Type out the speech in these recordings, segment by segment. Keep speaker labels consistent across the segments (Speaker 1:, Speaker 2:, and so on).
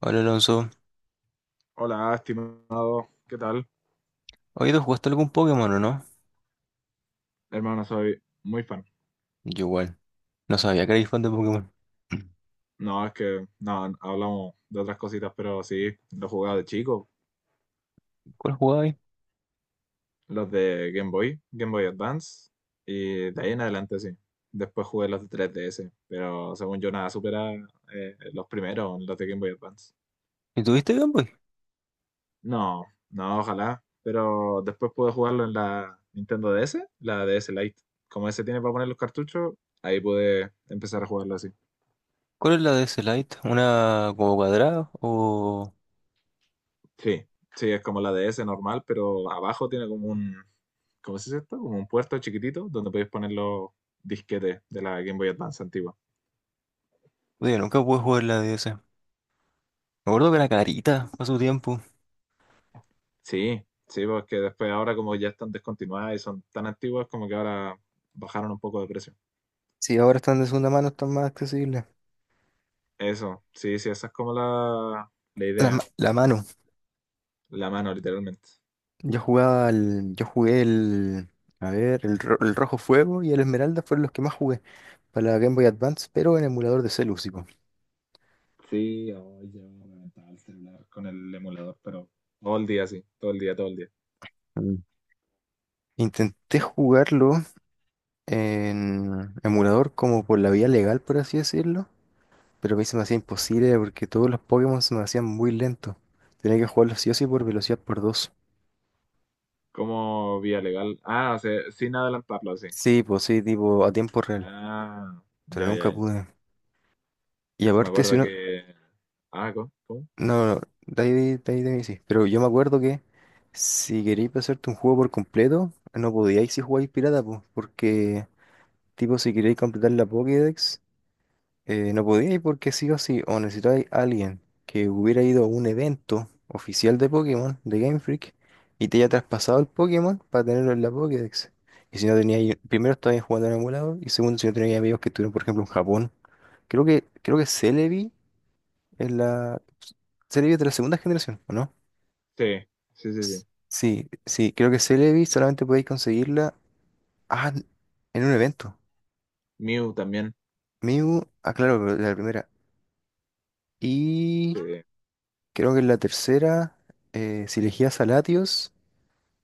Speaker 1: Hola Alonso,
Speaker 2: Hola, estimado. ¿Qué tal?
Speaker 1: ¿hoy tú jugaste algún Pokémon o no?
Speaker 2: Hermano, soy muy fan.
Speaker 1: Yo igual, no sabía que erais fan de Pokémon.
Speaker 2: No, es que no, hablamos de otras cositas, pero sí, los jugaba de chico,
Speaker 1: ¿Cuál jugabais?
Speaker 2: los de Game Boy, Game Boy Advance, y de ahí en adelante sí. Después jugué los de 3DS, pero según yo nada supera los primeros, los de Game Boy Advance.
Speaker 1: ¿Y tuviste Game Boy?
Speaker 2: No, no, ojalá, pero después pude jugarlo en la Nintendo DS, la DS Lite. Como ese tiene para poner los cartuchos, ahí pude empezar a jugarlo así.
Speaker 1: ¿Cuál es la DS Lite? ¿Una como cuadrada o?
Speaker 2: Sí, sí, es como la DS normal, pero abajo tiene como un, ¿cómo se dice esto? Como un puerto chiquitito donde podéis poner los disquetes de la Game Boy Advance antigua.
Speaker 1: Oye, nunca pude jugar la DS. Me acuerdo que era carita a su tiempo.
Speaker 2: Sí, sí, porque después ahora como ya están descontinuadas y son tan antiguas como que ahora bajaron un poco de precio.
Speaker 1: Sí, ahora están de segunda mano, están más accesibles.
Speaker 2: Eso, sí, sí, esa es como la
Speaker 1: La, ma-
Speaker 2: idea,
Speaker 1: la mano.
Speaker 2: la mano literalmente.
Speaker 1: Yo jugué el. A ver, el Rojo Fuego y el Esmeralda fueron los que más jugué para la Game Boy Advance, pero en emulador de celu, sí, po.
Speaker 2: Sí, hoy yo me metaba el celular con el emulador, pero todo el día, sí, todo el día, todo el día.
Speaker 1: Mm. Intenté jugarlo en emulador como por la vía legal, por así decirlo, pero a mí se me hacía imposible porque todos los Pokémon se me hacían muy lentos. Tenía que jugarlos sí o sí por velocidad por dos.
Speaker 2: Como vía legal. Ah, o sea, sin adelantarlo, así.
Speaker 1: Sí, pues sí, tipo a tiempo real,
Speaker 2: Ah,
Speaker 1: pero
Speaker 2: ya, ya,
Speaker 1: nunca
Speaker 2: ya.
Speaker 1: pude. Y
Speaker 2: Me
Speaker 1: aparte, si
Speaker 2: acuerdo
Speaker 1: uno...
Speaker 2: que. Ah, ¿cómo? ¿Cómo?
Speaker 1: No, no, de ahí, de ahí de mí sí, pero yo me acuerdo que si queréis pasarte un juego por completo, no podíais si jugáis pirata, pues, porque tipo si queréis completar la Pokédex. No podía ir porque sí o sí, o necesitáis a alguien que hubiera ido a un evento oficial de Pokémon, de Game Freak, y te haya traspasado el Pokémon para tenerlo en la Pokédex. Y si no teníais, primero estabais jugando en emulador, y segundo, si no teníais amigos que estuvieron, por ejemplo, en Japón. Creo que Celebi es la. Celebi es de la segunda generación, ¿o no?
Speaker 2: Sí, sí, sí, sí.
Speaker 1: Sí, sí, creo que Celebi solamente podéis conseguirla ah, en un evento.
Speaker 2: Mew también.
Speaker 1: Mew, ah, claro, pero de la primera.
Speaker 2: Sí,
Speaker 1: Creo que en la tercera, si elegías a Latios,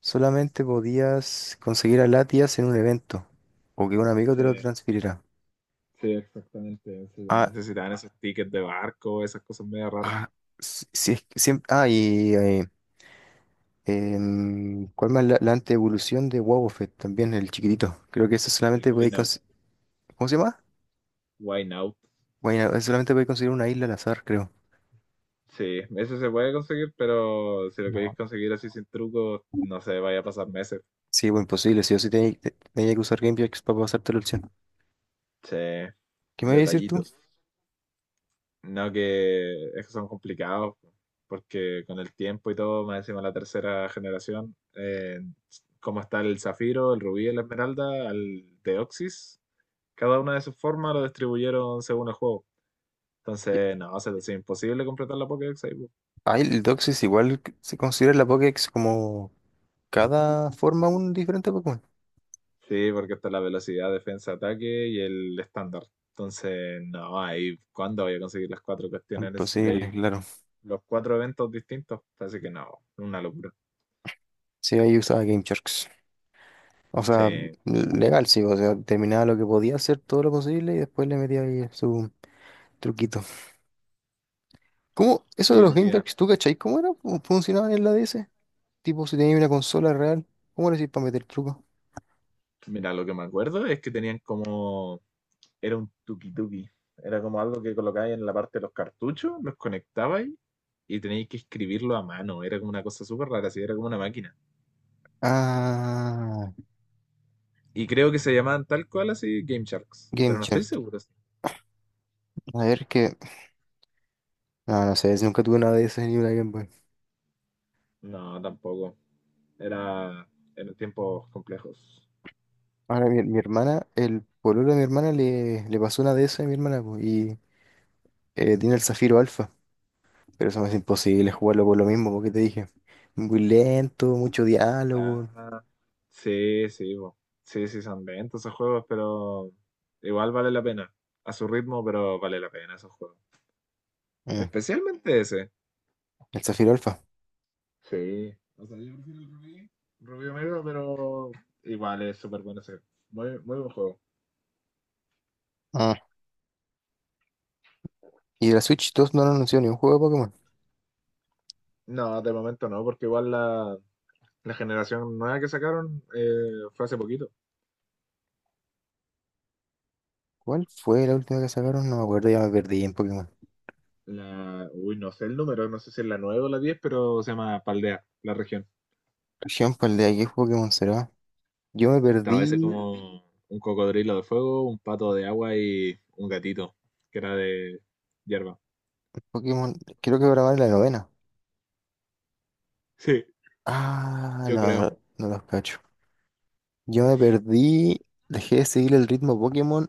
Speaker 1: solamente podías conseguir a Latias en un evento o que un amigo te lo
Speaker 2: sí,
Speaker 1: transfiriera.
Speaker 2: sí, exactamente, ese
Speaker 1: Ah,
Speaker 2: también. Necesitaban esos tickets de barco, esas cosas medio raras.
Speaker 1: ah, si es que siempre. ¿Cuál más? La antievolución de Wobbuffet, también el chiquitito. Creo que eso
Speaker 2: El
Speaker 1: solamente podéis
Speaker 2: Wine Out.
Speaker 1: conseguir. ¿Cómo se llama? Bueno, eso solamente podéis conseguir una isla al azar, creo.
Speaker 2: Sí, eso se puede conseguir, pero si lo queréis
Speaker 1: No.
Speaker 2: conseguir así sin truco, no sé, vaya a pasar meses.
Speaker 1: Sí, bueno, imposible. Sí o sí tenías que usar GamePix para pasarte la opción.
Speaker 2: Sí,
Speaker 1: ¿Qué me vas a decir tú?
Speaker 2: detallitos. No, que es que son complicados, porque con el tiempo y todo, más encima la tercera generación, como está el zafiro, el rubí, la esmeralda, el deoxys, cada una de sus formas lo distribuyeron según el juego. Entonces, no, se te hace imposible completar la Pokédex ahí, po.
Speaker 1: Ah, el Doxis igual que se considera la Pokédex como cada forma un diferente Pokémon.
Speaker 2: Sí, porque está la velocidad, defensa, ataque y el estándar. Entonces, no, ahí, ¿cuándo voy a conseguir las cuatro cuestiones?
Speaker 1: Imposible,
Speaker 2: Necesitáis
Speaker 1: claro.
Speaker 2: los cuatro eventos distintos. Así que no, una locura.
Speaker 1: Sí, ahí usaba Game Sharks. O sea,
Speaker 2: Sí,
Speaker 1: legal, sí, o sea, terminaba lo que podía hacer, todo lo posible, y después le metía ahí su truquito. ¿Cómo? Eso de
Speaker 2: hoy
Speaker 1: los
Speaker 2: en
Speaker 1: Game
Speaker 2: día.
Speaker 1: Sharks, ¿tú cachai cómo era? ¿Cómo funcionaba en la DS? Tipo, si tenías una consola real, ¿cómo le hacías para meter truco?
Speaker 2: Mira, lo que me acuerdo es que tenían como. Era un tuki-tuki. Era como algo que colocabais en la parte de los cartuchos, los conectabais y teníais que escribirlo a mano. Era como una cosa súper rara, así era como una máquina.
Speaker 1: Ah,
Speaker 2: Y creo que se llamaban tal cual así Game Sharks, pero
Speaker 1: Game
Speaker 2: no estoy
Speaker 1: Shark.
Speaker 2: seguro. Sí.
Speaker 1: A ver que. No, no sé, si nunca tuve una DS ni una Game Boy.
Speaker 2: No, tampoco. Era en tiempos complejos.
Speaker 1: Ahora mi hermana, el pololo de mi hermana le pasó una DS a mi hermana, po, y tiene el Zafiro Alpha. Pero eso me hace imposible jugarlo por lo mismo, porque te dije. Muy lento, mucho diálogo.
Speaker 2: Ah, sí, sí, bo. Sí, sí, son lentos esos juegos, pero igual vale la pena. A su ritmo, pero vale la pena esos juegos.
Speaker 1: Mm.
Speaker 2: Especialmente ese.
Speaker 1: El Zafiro Alpha.
Speaker 2: Sí. O sea, yo prefiero el Rubí, Rubí Omega, pero igual es súper bueno ese. Muy, muy buen juego.
Speaker 1: Ah, y de la Switch 2 no han anunciado ni un juego de Pokémon.
Speaker 2: No, de momento no, porque igual la generación nueva que sacaron fue hace poquito.
Speaker 1: ¿Cuál fue la última que sacaron? No me acuerdo, ya me perdí en Pokémon.
Speaker 2: La, uy, no sé el número, no sé si es la 9 o la diez pero se llama Paldea, la región.
Speaker 1: Por ejemplo, el de aquí, ¿qué Pokémon será? Yo me
Speaker 2: Estaba ese
Speaker 1: perdí
Speaker 2: como un cocodrilo de fuego, un pato de agua y un gatito, que era de hierba.
Speaker 1: en Pokémon, creo que ahora va en la novena.
Speaker 2: Sí,
Speaker 1: Ah, no,
Speaker 2: yo creo.
Speaker 1: no, no los cacho. Yo me perdí, dejé de seguir el ritmo Pokémon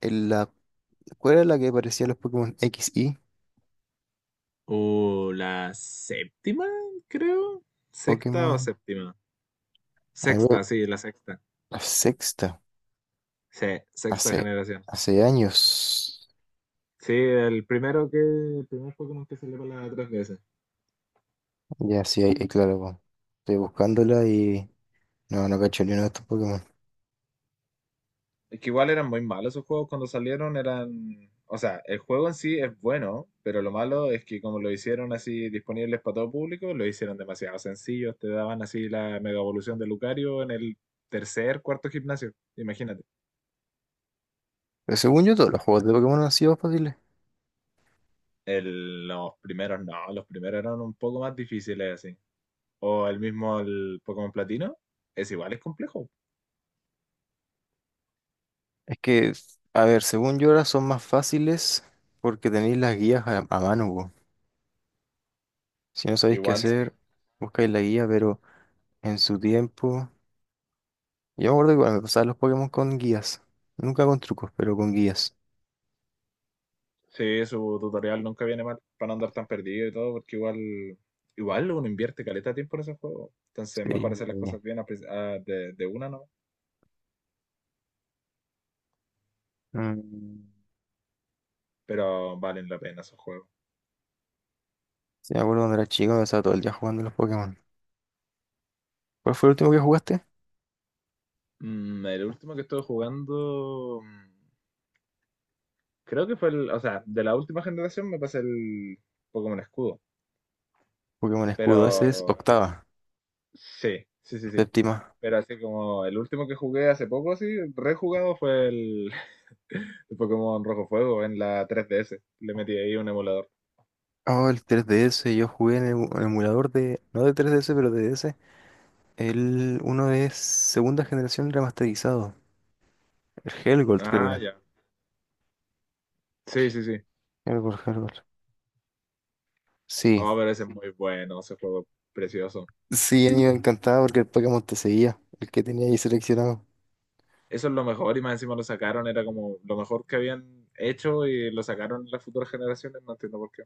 Speaker 1: en la. ¿Cuál era la que parecía los Pokémon X y?
Speaker 2: La séptima, creo. Sexta
Speaker 1: Pokémon.
Speaker 2: o séptima.
Speaker 1: A ver,
Speaker 2: Sexta, sí, la sexta.
Speaker 1: la sexta.
Speaker 2: Sí, sexta
Speaker 1: Hace,
Speaker 2: generación.
Speaker 1: hace años.
Speaker 2: Sí, el primero que, el primer Pokémon que salió para la 3DS.
Speaker 1: Ya, sí, ahí, claro, po. Estoy buscándola y no, no cacho ni uno de estos Pokémon.
Speaker 2: Es que igual eran muy malos esos juegos cuando salieron, eran... O sea, el juego en sí es bueno, pero lo malo es que como lo hicieron así disponibles para todo público, lo hicieron demasiado sencillo. Te daban así la mega evolución de Lucario en el tercer, cuarto gimnasio, imagínate.
Speaker 1: Pero según yo, todos los juegos de Pokémon han sido fáciles.
Speaker 2: Los primeros no, los primeros eran un poco más difíciles así. O el mismo el Pokémon Platino, es igual, es complejo.
Speaker 1: Es que, a ver, según yo ahora son más fáciles porque tenéis las guías a mano, po. Si no sabéis qué
Speaker 2: Igual sí.
Speaker 1: hacer, buscáis la guía, pero en su tiempo. Yo me acuerdo que cuando me pasaban los Pokémon con guías. Nunca con trucos, pero con guías.
Speaker 2: Sí, su tutorial nunca viene mal para no andar tan perdido y todo, porque igual, igual uno invierte caleta de tiempo en esos juegos. Entonces, mejor
Speaker 1: Sí.
Speaker 2: hacer las cosas bien a prin- a- de una, ¿no?
Speaker 1: Mm,
Speaker 2: Pero valen la pena esos juegos.
Speaker 1: sí, me acuerdo cuando era chico, me pasaba todo el día jugando a los Pokémon. ¿Cuál fue el último que jugaste?
Speaker 2: Mm, el último que estuve jugando, mm, creo que fue el, o sea, de la última generación me pasé el Pokémon Escudo.
Speaker 1: Pokémon
Speaker 2: Pero
Speaker 1: Escudo, ese es octava,
Speaker 2: sí, sí, sí, sí.
Speaker 1: séptima.
Speaker 2: Pero así como el último que jugué hace poco, así, rejugado fue el, el Pokémon Rojo Fuego en la 3DS. Le metí ahí un emulador.
Speaker 1: Oh, el 3DS yo jugué en el emulador de, no de 3DS, pero de DS. El uno de segunda generación remasterizado. El Helgold, creo que
Speaker 2: Ah,
Speaker 1: era.
Speaker 2: ya. Sí, sí, sí.
Speaker 1: Helgold, Helgold. Sí,
Speaker 2: Oh, pero ese es muy bueno, ese juego precioso.
Speaker 1: sí, a mí me encantaba porque el Pokémon te seguía, el que tenía ahí seleccionado.
Speaker 2: Eso es lo mejor y más encima lo sacaron, era como lo mejor que habían hecho y lo sacaron las futuras generaciones, no entiendo por qué.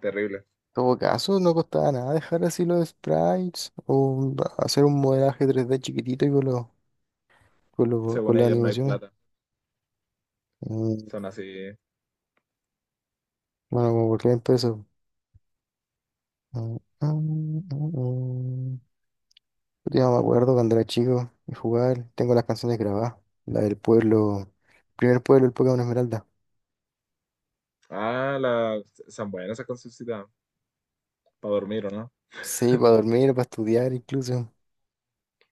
Speaker 2: Terrible.
Speaker 1: En todo caso, no costaba nada dejar así los sprites o hacer un modelaje 3D chiquitito y con
Speaker 2: Según
Speaker 1: las
Speaker 2: ellos no hay
Speaker 1: animaciones.
Speaker 2: plata.
Speaker 1: Mm,
Speaker 2: Son así.
Speaker 1: Bueno, como por qué pesos. Mm, mm, mm, mm. Yo me acuerdo cuando era chico y jugar, tengo las canciones grabadas, la del pueblo, primer pueblo, el Pokémon Esmeralda.
Speaker 2: Ah, la... son buenas esas concesitas para dormir, ¿o no?
Speaker 1: Sí, para dormir, para estudiar incluso.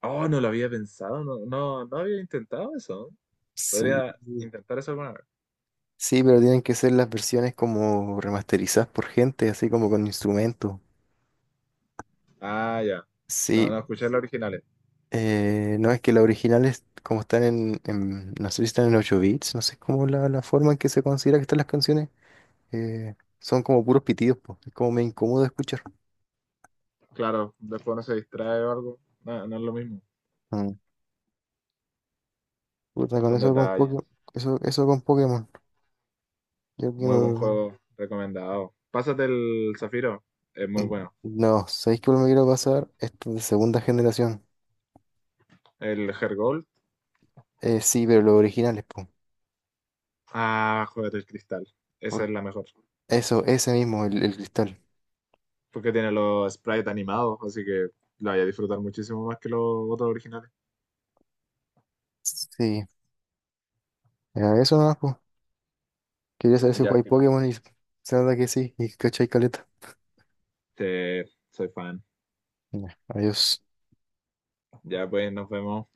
Speaker 2: Oh, no lo había pensado, no, no, no había intentado eso.
Speaker 1: Sí,
Speaker 2: Podría intentar eso alguna vez.
Speaker 1: sí, pero tienen que ser las versiones como remasterizadas por gente, así como con instrumentos.
Speaker 2: Ah, ya. No,
Speaker 1: Sí,
Speaker 2: no escuché los originales.
Speaker 1: no es que las originales como están no sé si están en 8 bits, no sé cómo la forma en que se considera que están las canciones, eh, son como puros pitidos, po, es como me incómodo escuchar.
Speaker 2: Claro, después no se distrae o algo. No, no es lo mismo.
Speaker 1: Mm. Puta, con
Speaker 2: Son
Speaker 1: eso con
Speaker 2: detalles.
Speaker 1: Pokémon, eso con Pokémon. Yo
Speaker 2: Muy buen
Speaker 1: quiero...
Speaker 2: juego, recomendado. Pásate el Zafiro, es muy bueno.
Speaker 1: No, ¿sabéis que me quiero pasar? Esto de segunda generación.
Speaker 2: El Hergold,
Speaker 1: Sí, pero los originales, po.
Speaker 2: ah, juegate el Cristal. Esa
Speaker 1: Por
Speaker 2: es la mejor.
Speaker 1: eso, ese mismo, el cristal.
Speaker 2: Porque tiene los sprites animados, así que la voy a disfrutar muchísimo más que los otros originales.
Speaker 1: Sí, ya, eso nomás, po. Quería saber si
Speaker 2: Ya,
Speaker 1: jugáis
Speaker 2: estimado.
Speaker 1: Pokémon y se nota que sí, y cachai caleta.
Speaker 2: Te- soy fan.
Speaker 1: Ya, adiós.
Speaker 2: Ya pues, nos vemos.